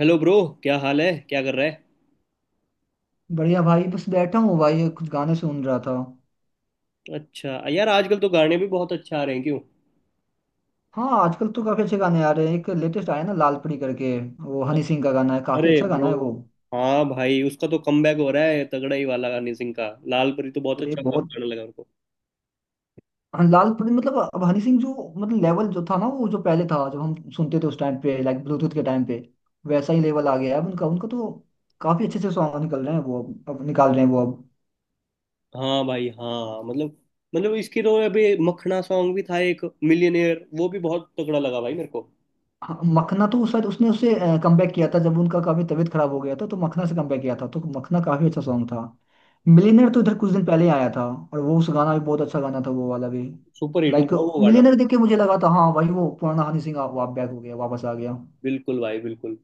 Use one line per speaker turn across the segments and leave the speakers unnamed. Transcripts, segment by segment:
Hello bro. क्या हाल है, क्या कर रहा है?
बढ़िया भाई बस बैठा हूँ भाई कुछ गाने सुन रहा था।
अच्छा यार, आजकल तो गाने भी बहुत अच्छा आ रहे हैं क्यों?
हाँ, आजकल तो काफी अच्छे गाने आ रहे हैं, एक लेटेस्ट आया ना लाल परी करके। वो हनी सिंह का गाना है, काफी
अरे
अच्छा
ब्रो।
गाना है वो।
हाँ भाई, उसका तो कमबैक हो रहा है तगड़ा ही वाला। हनी सिंह का लाल परी तो बहुत
अरे
अच्छा
बहुत।
गाना लगा उनको।
हाँ, लाल परी मतलब अब हनी सिंह जो मतलब लेवल जो था ना, वो जो पहले था जो हम सुनते थे उस टाइम पे, लाइक ब्लूटूथ के टाइम पे, वैसा ही लेवल आ गया है अब उनका उनका तो काफी अच्छे अच्छे सॉन्ग निकल रहे हैं वो अब निकाल रहे हैं वो अब।
हाँ भाई, हाँ। मतलब इसकी तो अभी मखना सॉन्ग भी था, एक मिलियनेयर, वो भी बहुत तगड़ा लगा भाई मेरे को।
हाँ, मखना तो उस शायद उसने उससे कमबैक किया था। जब उनका काफी तबीयत खराब हो गया था तो मखना से कमबैक किया था, तो मखना काफी अच्छा सॉन्ग था। मिलियनर तो इधर कुछ दिन पहले आया था, और वो उस गाना भी बहुत अच्छा गाना था वो वाला भी।
सुपर हिट
लाइक
हुआ वो गाना।
मिलियनर देख के मुझे लगा था हाँ भाई वो पुराना हनी सिंह आप वाप बैक हो गया, वापस आ गया।
बिल्कुल भाई, बिल्कुल।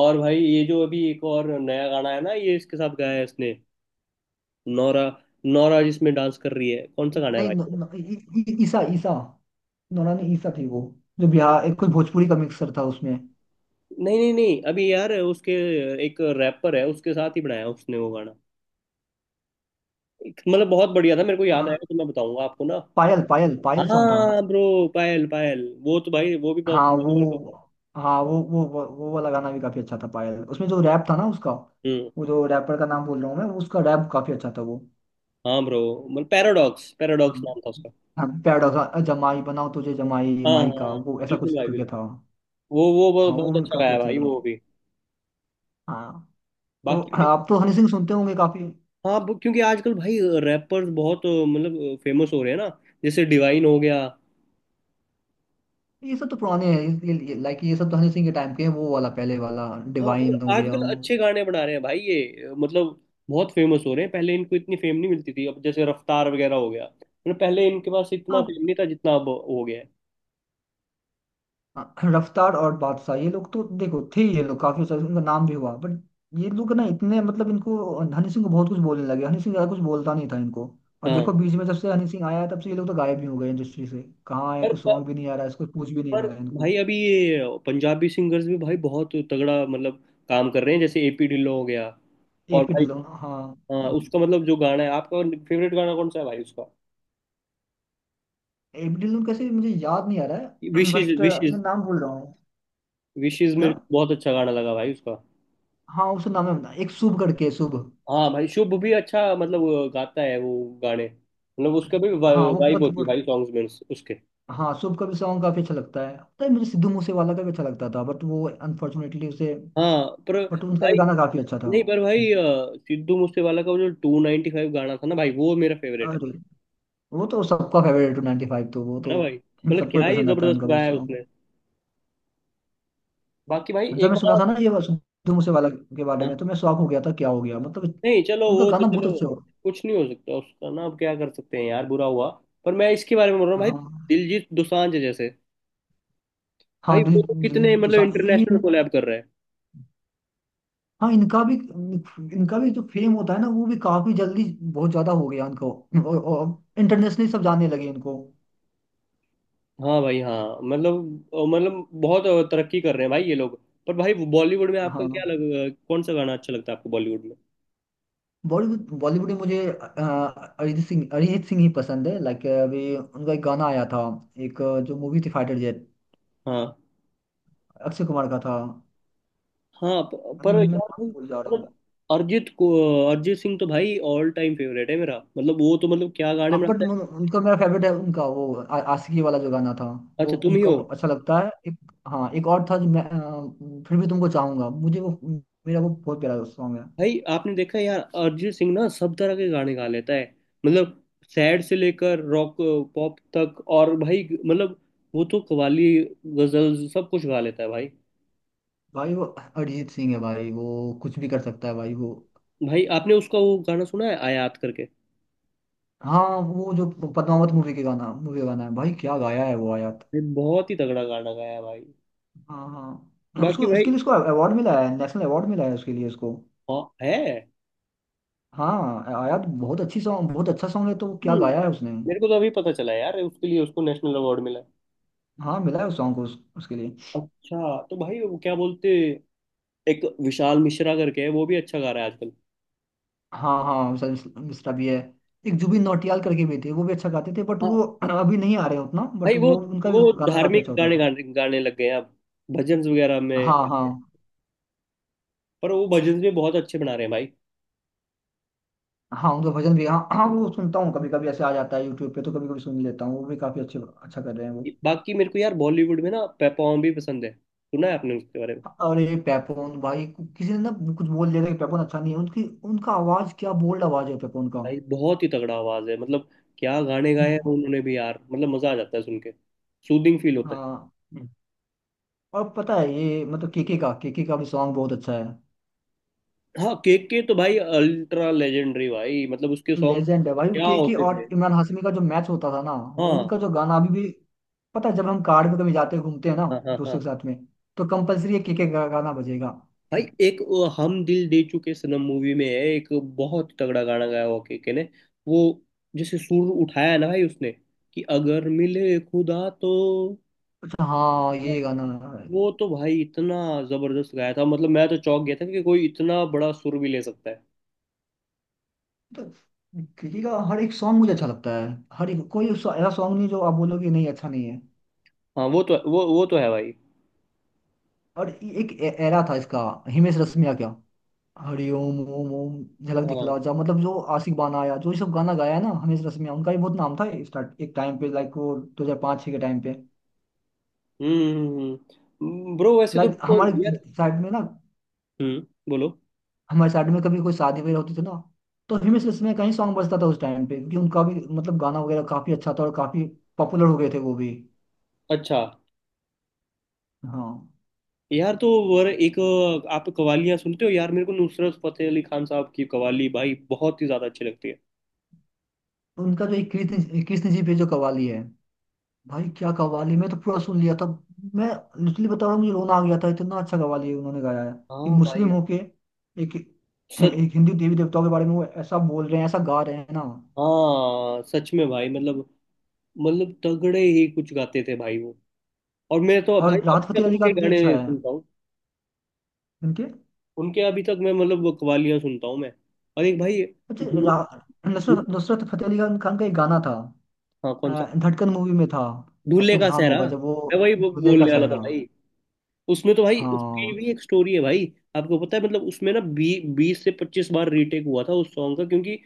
और भाई, ये जो अभी एक और नया गाना है ना, ये इसके साथ गाया है इसने। नौरा, नौरा जिसमें डांस कर रही है, कौन सा गाना है
नहीं न,
भाई?
न, इ, इ, ईसा ईसा नौरानी ईसा थी वो, जो बिहार एक कोई भोजपुरी का मिक्सर था उसमें।
नहीं नहीं नहीं, अभी यार उसके एक रैपर है, उसके साथ ही बनाया उसने वो गाना। मतलब बहुत बढ़िया था, मेरे को याद
हाँ,
आएगा तो मैं बताऊंगा आपको ना।
पायल पायल पायल सॉन्ग था।
हाँ ब्रो। पायल पायल, वो तो भाई वो भी बहुत
हाँ
बढ़िया मेरे को।
वो। हाँ, वो वाला गाना भी काफी अच्छा था पायल, उसमें जो रैप था ना उसका।
हम्म।
वो जो रैपर का नाम बोल रहा हूँ मैं, उसका रैप काफी अच्छा था वो।
हाँ ब्रो। मतलब पैराडॉक्स
हाँ,
पैराडॉक्स नाम था उसका।
हाँ, प्यारा सा जमाई बनाओ तुझे जमाई
हाँ
माई
हाँ
का,
हाँ,
वो ऐसा
बिल्कुल
कुछ
भाई,
करके
बिल्कुल।
था।
वो
हाँ वो
बहुत
भी
अच्छा
काफी
गाया
अच्छा
भाई
था।
वो भी।
हाँ। तो
बाकी भी-
आप तो हनी सिंह सुनते होंगे काफी।
हाँ, क्योंकि आजकल भाई रैपर्स बहुत, मतलब, फेमस हो रहे हैं ना, जैसे डिवाइन हो गया।
ये सब तो पुराने हैं। लाइक ये सब तो हनी सिंह के टाइम के हैं, वो वाला पहले वाला।
हाँ, पर
डिवाइन हो गया।
आजकल अच्छे गाने बना रहे हैं भाई ये, मतलब बहुत फेमस हो रहे हैं। पहले इनको इतनी फेम नहीं मिलती थी, अब जैसे रफ्तार वगैरह हो गया, मतलब पहले इनके पास इतना
हाँ
फेम नहीं था जितना अब हो गया है।
हाँ, रफ्तार और बादशाह ये लोग तो देखो थे, ये लोग काफी सारे, उनका नाम भी हुआ, बट ये लोग ना इतने मतलब इनको हनी सिंह को बहुत कुछ बोलने लगे। हनी सिंह ज्यादा कुछ बोलता नहीं था इनको। और
हाँ।
देखो बीच में जब से हनी सिंह आया है, तब से ये लोग तो गायब ही हो गए इंडस्ट्री से। कहाँ है,
पर
कुछ
पर,
सॉन्ग भी नहीं आ रहा है, इसको पूछ भी नहीं
पर
रहा है इनको।
भाई अभी ये पंजाबी सिंगर्स भी भाई बहुत तगड़ा, मतलब काम कर रहे हैं, जैसे एपी ढिल्लो हो गया, और
एपी
भाई।
ढिल्लों, हाँ।
हाँ, उसका मतलब जो गाना है आपका फेवरेट गाना, कौन सा है भाई उसका?
एपी ढिल्लों कैसे मुझे याद नहीं आ रहा है
विशेष
बट मैं
विशेष
नाम भूल रहा हूँ।
विशेष
क्या।
मेरे को बहुत अच्छा गाना लगा भाई उसका।
हाँ, उसका नाम है, एक शुभ करके, शुभ।
हाँ भाई, शुभ भी अच्छा। मतलब वो गाता है वो गाने, मतलब उसका भी
हाँ वो
वाइब
पत,
होती है भाई सॉन्ग्स में उसके।
हाँ, शुभ का भी सॉन्ग काफी अच्छा लगता है। पता है, मुझे सिद्धू मूसेवाला का भी अच्छा लगता था, बट वो अनफॉर्चुनेटली उसे,
हाँ पर
बट उनका भी
भाई,
गाना काफी अच्छा था।
नहीं पर भाई, सिद्धू मूसेवाला का वो जो 295 गाना था ना भाई, वो मेरा फेवरेट है।
अरे, वो तो सबका फेवरेट, टू 95 तो, वो
है ना
तो
भाई? मतलब
सबको ही
क्या ही
पसंद आता है
जबरदस्त
उनका वो
गाया है
सॉन्ग।
उसने। बाकी भाई
जब
एक
मैं सुना था
और।
ना ये सिद्धू मूसेवाला के बारे में,
हाँ
तो मैं शॉक हो गया था, क्या हो गया मतलब,
नहीं चलो,
उनका
वो तो
गाना बहुत
चलो
अच्छा हो।
कुछ नहीं हो सकता उसका ना, अब क्या कर सकते हैं यार, बुरा हुआ। पर मैं इसके बारे में बोल रहा हूँ भाई,
हाँ।
दिलजीत दोसांझ जैसे। भाई
हाँ,
वो
दिल
तो
दिल
कितने, मतलब
दोसांझ, ये।
इंटरनेशनल कोलैब कर रहे हैं।
हाँ, इनका भी, जो फेम होता है ना, वो भी काफी जल्दी बहुत ज्यादा हो गया इनको। और इंटरनेशनली सब जानने लगे इनको।
हाँ भाई, हाँ मतलब, मतलब बहुत तरक्की कर रहे हैं भाई ये लोग। पर भाई बॉलीवुड में आपका क्या
हाँ,
लग, कौन सा गाना अच्छा लगता है आपको बॉलीवुड में?
बॉलीवुड बॉलीवुड में मुझे अरिजीत सिंह ही पसंद है। लाइक अभी उनका एक गाना आया था। एक, जो मूवी थी, फाइटर जेट,
हाँ
अक्षय कुमार का था।
हाँ, पर
मैं
यार भाई
नाम भूल जा रहा हूँ।
मतलब अरिजीत को, अरिजीत सिंह तो भाई ऑल टाइम फेवरेट है मेरा। मतलब वो तो, मतलब क्या गाने
हाँ, बट
बनाता
उनका मेरा फेवरेट है, उनका वो आशिकी वाला जो गाना था।
है।
वो
अच्छा, तुम ही
उनका
हो।
वो अच्छा लगता है एक। हाँ, एक और था जो मैं, फिर भी तुमको चाहूंगा, मुझे वो, मेरा वो बहुत प्यारा सॉन्ग है।
भाई आपने देखा है यार, अरिजीत सिंह ना सब तरह के गाने गा लेता है। मतलब सैड से लेकर रॉक, पॉप तक, और भाई मतलब वो तो कव्वाली, गजल सब कुछ गा लेता है भाई।
भाई वो अरिजीत सिंह है भाई, वो कुछ भी कर सकता है भाई वो।
भाई आपने उसका वो गाना सुना है, आयात करके?
हाँ वो जो पद्मावत मूवी के गाना, मूवी गाना है भाई, क्या गाया है वो, आया।
भाई बहुत ही तगड़ा गाना गाया है भाई।
हाँ, हाँ, उसको
बाकी
उसके
भाई।
लिए, उसको अवार्ड मिला है, नेशनल अवार्ड मिला है उसके लिए उसको।
हाँ है।
हाँ, आया तो बहुत अच्छी सॉन्ग, बहुत अच्छा सॉन्ग है, तो वो क्या
हम्म
गाया है उसने।
मेरे को तो अभी पता चला यार उसके लिए उसको नेशनल अवार्ड मिला है।
हाँ, मिला है उस सॉन्ग को, उसके लिए।
अच्छा, तो भाई वो क्या बोलते, एक विशाल मिश्रा करके है, वो भी अच्छा गा रहा है आजकल।
हाँ, हाँ, मिस्टर मिस्टर भी है। एक जुबिन नौटियाल करके भी थे, वो भी अच्छा गाते थे, बट
हाँ
वो अभी नहीं आ रहे हैं उतना, बट
भाई वो
वो उनका
वो
भी गाना काफी
धार्मिक
अच्छा होता
गाने
था।
गाने गाने लग गए हैं अब, भजन वगैरह में।
हाँ, हाँ,
पर वो भजन भी बहुत अच्छे बना रहे हैं भाई।
हाँ, उनका भजन भी। हाँ हाँ, वो सुनता हूँ कभी कभी, ऐसे आ जाता है यूट्यूब पे तो कभी कभी सुन लेता हूँ, वो भी काफी अच्छे, अच्छा कर रहे हैं वो।
बाकी मेरे को यार बॉलीवुड में ना पेपॉम भी पसंद है, सुना है आपने उसके बारे में?
अरे पेपोन भाई, किसी ने ना कुछ बोल दिया था कि पेपोन अच्छा नहीं है उनकी, उनका आवाज, क्या बोल्ड आवाज है पेपोन का।
भाई बहुत ही तगड़ा आवाज है, मतलब क्या गाने गाए हैं
हम्म,
उन्होंने भी यार, मतलब मजा आ जाता है सुन के। सूदिंग फील होता है।
हाँ। हम्म। और पता है ये मतलब केके का भी सॉन्ग बहुत अच्छा है।
हाँ, केक के तो भाई अल्ट्रा लेजेंडरी भाई, मतलब उसके सॉन्ग
लेजेंड है भाई
क्या
केके,
होते
और
थे।
इमरान हाशमी का जो मैच होता था ना, वो उनका
हाँ
जो गाना, अभी भी पता है जब हम कार में कभी जाते हैं, घूमते हैं ना,
हाँ हाँ।
दोस्तों
हाँ
के साथ में, तो कंपलसरी ये केके का गाना बजेगा।
भाई, एक वो हम दिल दे चुके सनम मूवी में है एक बहुत तगड़ा गाना गाया हुआ केके ने। वो जैसे सुर उठाया है ना भाई उसने, कि अगर मिले खुदा तो।
अच्छा, हाँ, ये गाना। अरे,
वो तो भाई इतना जबरदस्त गाया था, मतलब मैं तो चौंक गया था कि कोई इतना बड़ा सुर भी ले सकता है।
तो केके का हर एक सॉन्ग मुझे अच्छा लगता है। हर एक, कोई ऐसा सॉन्ग नहीं जो आप बोलोगे नहीं अच्छा नहीं है।
हाँ वो तो, वो तो है भाई।
और ये एक एरा था इसका, हिमेश रेशमिया। क्या हरि ओम ओम ओम, झलक दिखला
हाँ,
जा, मतलब जो आशिक बाना आया, जो ये सब गाना गाया है ना हिमेश रेशमिया, उनका भी बहुत नाम था स्टार्ट, एक टाइम पे, लाइक वो 2005 6 के टाइम पे।
ब्रो, वैसे तो
लाइक
मेरे को यार,
साइड में ना
हम्म, बोलो।
हमारे साइड में कभी कोई शादी वगैरह होती थी ना, तो हिमेश रेशमिया का ही सॉन्ग बजता था उस टाइम पे, क्योंकि उनका भी मतलब गाना वगैरह काफी अच्छा था और काफी पॉपुलर हो गए थे वो भी।
अच्छा
हाँ,
यार, तो वर एक, आप कवालियां सुनते हो यार? मेरे को नुसरत फतेह अली खान साहब की कवाली भाई बहुत ही ज्यादा अच्छी लगती है।
उनका जो एक कृष्ण कृष्ण जी पे जो कव्वाली है भाई, क्या कव्वाली। मैं तो पूरा सुन लिया था। मैं लिटरली बता रहा हूँ, मुझे रोना आ गया था, इतना अच्छा कव्वाली है उन्होंने गाया है। एक
हाँ
मुस्लिम
भाई,
होके, एक,
सच।
हिंदू देवी देवताओं के बारे में वो ऐसा बोल रहे हैं, ऐसा गा रहे हैं ना।
हाँ सच में भाई मतलब, तगड़े ही कुछ गाते थे भाई वो। और मैं तो भाई
और राहत
अभी
फतेह
तक
अली
उनके
खान भी अच्छा
गाने
है
सुनता हूँ।
उनके।
उनके अभी तक मैं, मतलब वो कवालियां सुनता हूँ मैं। और एक भाई,
अच्छा,
दूर- दूर-
नुसरत नुसरत फतेह अली खान खान का एक गाना था।
हाँ, कौन सा?
अ, धड़कन मूवी में था।
दूल्हे
आपको
का
ध्यान
सहरा।
होगा जब वो
मैं वही
दूल्हे का
बोलने वाला था
सेहरा।
भाई। उसमें तो भाई उसकी
हाँ।
भी एक स्टोरी है भाई। आपको पता है? मतलब उसमें ना, 20 से 25 बार रीटेक हुआ था उस सॉन्ग का, क्योंकि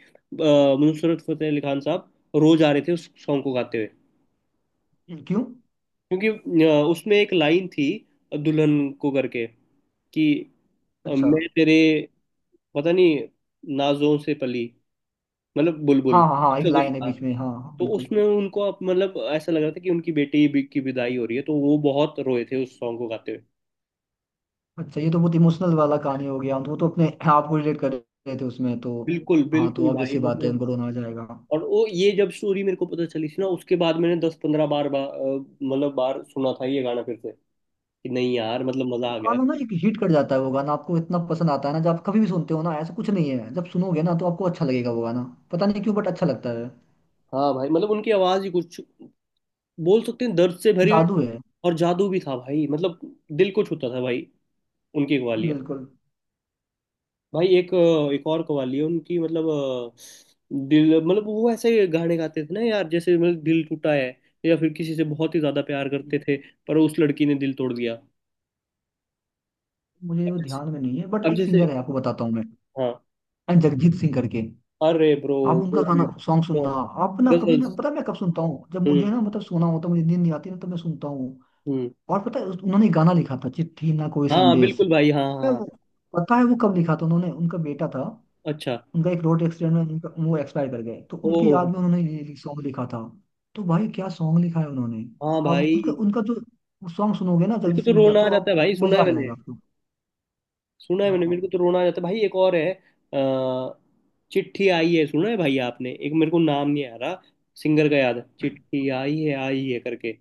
नुसरत फतेह अली खान साहब रोज आ रहे थे उस सॉन्ग को गाते हुए।
क्यों।
क्योंकि उसमें एक लाइन थी, दुल्हन को करके कि,
अच्छा,
मैं तेरे, पता नहीं, नाजों से पली, मतलब बुलबुल,
हाँ हाँ हाँ, एक
ऐसा कुछ
लाइन है
था।
बीच में, हाँ हाँ,
तो
बिल्कुल।
उसमें उनको मतलब ऐसा लग रहा था कि उनकी बेटी की विदाई हो रही है, तो वो बहुत रोए थे उस सॉन्ग को गाते हुए।
अच्छा, ये तो बहुत इमोशनल वाला कहानी हो गया, तो वो तो अपने आपको रिलेट कर रहे थे उसमें तो।
बिल्कुल
हाँ,
बिल्कुल
तो ऑब्वियस
भाई,
सी बात है
मतलब।
उनको रोना आ जाएगा।
और वो, ये जब स्टोरी मेरे को पता चली थी ना, उसके बाद मैंने 10 15 बार मतलब बार सुना था ये गाना फिर से कि नहीं यार, मतलब मजा
वो
आ गया।
गाना ना एक हिट कर जाता है, वो गाना आपको इतना पसंद आता है ना, जब आप कभी भी सुनते हो ना, ऐसा कुछ नहीं है जब सुनोगे ना तो आपको अच्छा लगेगा वो गाना। पता नहीं क्यों, बट अच्छा लगता है।
हाँ भाई, मतलब उनकी आवाज ही कुछ बोल सकते हैं, दर्द से भरी हुई।
जादू है।
और जादू भी था भाई, मतलब दिल को छूता था भाई उनकी कवालियाँ।
बिल्कुल।
भाई एक एक और कवाली है उनकी, मतलब दिल, मतलब वो ऐसे गाने गाते थे ना यार, जैसे मतलब दिल टूटा है, या फिर किसी से बहुत ही ज्यादा प्यार करते थे पर उस लड़की ने दिल तोड़ दिया।
मुझे
अब
वो
जैसे
ध्यान में नहीं है, बट
अब
एक
जैसे
सिंगर है आपको बताता हूँ मैं,
हाँ,
जगजीत सिंह करके।
अरे ब्रो
आप
वो
उनका गाना,
भी
सॉन्ग
तो
सुनना। आप ना कभी ना,
गजल्स।
पता है मैं कब सुनता हूँ, जब मुझे
हम्म,
ना मतलब सोना होता है, मुझे नींद नहीं आती ना, तो मैं सुनता हूँ।
हम्म,
और पता है उन्होंने गाना लिखा था, चिट्ठी ना कोई
हाँ
संदेश।
बिल्कुल भाई, हाँ हाँ हाँ।
हम्म, पता है वो कब लिखा था उन्होंने। उनका बेटा था,
अच्छा।
उनका एक रोड एक्सीडेंट में उनका वो एक्सपायर कर गए, तो उनकी
ओहो।
याद में उन्होंने ये सॉन्ग लिखा था। तो भाई क्या सॉन्ग लिखा है उन्होंने।
हाँ
आप उसका,
भाई,
उनका जो सॉन्ग सुनोगे ना
मेरे को
जगजीत
तो
सिंह का,
रोना आ
तो
जाता
आप,
है भाई। सुना
मजा
है
आ जाएगा
मैंने,
आपको।
सुना है मैंने,
हाँ,
मेरे को तो रोना आ जाता है भाई। एक और है, अ, चिट्ठी आई है, सुना है भाई आपने? एक, मेरे को नाम नहीं आ रहा सिंगर का, याद है चिट्ठी आई है करके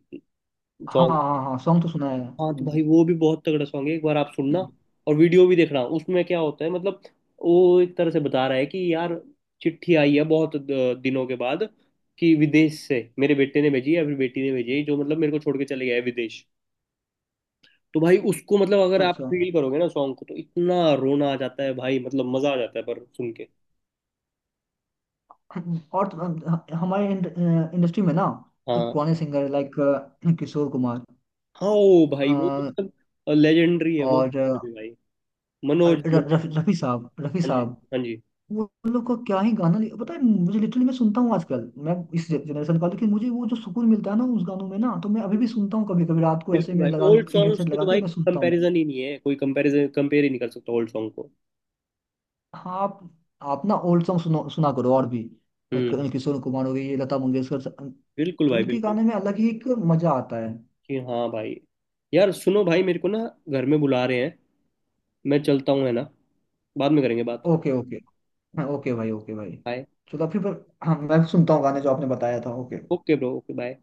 हाँ,
सॉन्ग।
हाँ, हाँ सॉन्ग तो सुना है।
हाँ तो भाई वो भी बहुत तगड़ा सॉन्ग है, एक बार आप सुनना और वीडियो भी देखना उसमें क्या होता है। मतलब वो एक तरह से बता रहा है कि यार, चिट्ठी आई है बहुत दिनों के बाद कि विदेश से मेरे बेटे ने भेजी है, फिर बेटी ने भेजी है जो मतलब मेरे को छोड़ के चले गया है विदेश। तो भाई उसको, मतलब अगर
अच्छा,
आप
अच्छा।
फील करोगे ना सॉन्ग को तो इतना रोना आ जाता है भाई, मतलब मजा आ जाता है पर सुन के।
और तो, हमारे इंडस्ट्री में ना, जो
हाँ
पुराने सिंगर, लाइक किशोर कुमार,
हाँ ओ भाई, वो तो
अ,
मतलब लेजेंडरी है वो
और
सिंगर भी भाई।
और
मनोज
रफी
मनोज
रफी साहब। रफी
हाँ जी,
साहब।
हाँ जी।
वो उन लोग का क्या ही गाना, पता है मुझे, लिटरली, मैं सुनता हूँ आजकल। मैं इस जनरेशन का हूं, लेकिन मुझे वो जो सुकून मिलता है ना उस गानों में ना, तो मैं अभी भी सुनता हूँ कभी कभी रात को, ऐसे
बिल्कुल
में
भाई,
लगा
ओल्ड
के
सॉन्ग्स
हेडसेट
के तो
लगा के
भाई
मैं सुनता हूँ।
कंपैरिजन ही नहीं है, कोई कंपैरिजन कंपेयर ही नहीं कर सकता ओल्ड सॉन्ग को।
हाँ आप। आप ना ओल्ड सॉन्ग सुनो, सुना करो, और भी। लाइक
हम्म।
किशोर कुमार हो गए, ये लता मंगेशकर,
बिल्कुल
तो
भाई,
इनके
बिल्कुल।
गाने में अलग ही एक मजा आता है।
कि हाँ भाई, यार सुनो भाई, मेरे को ना घर में बुला रहे हैं, मैं चलता हूँ, है ना? बाद में करेंगे बात।
Okay, okay. हाँ, ओके भाई, ओके भाई।
बाय।
चलो फिर, हाँ, मैं सुनता हूँ गाने जो आपने बताया था। Okay.
Okay bro, okay bye.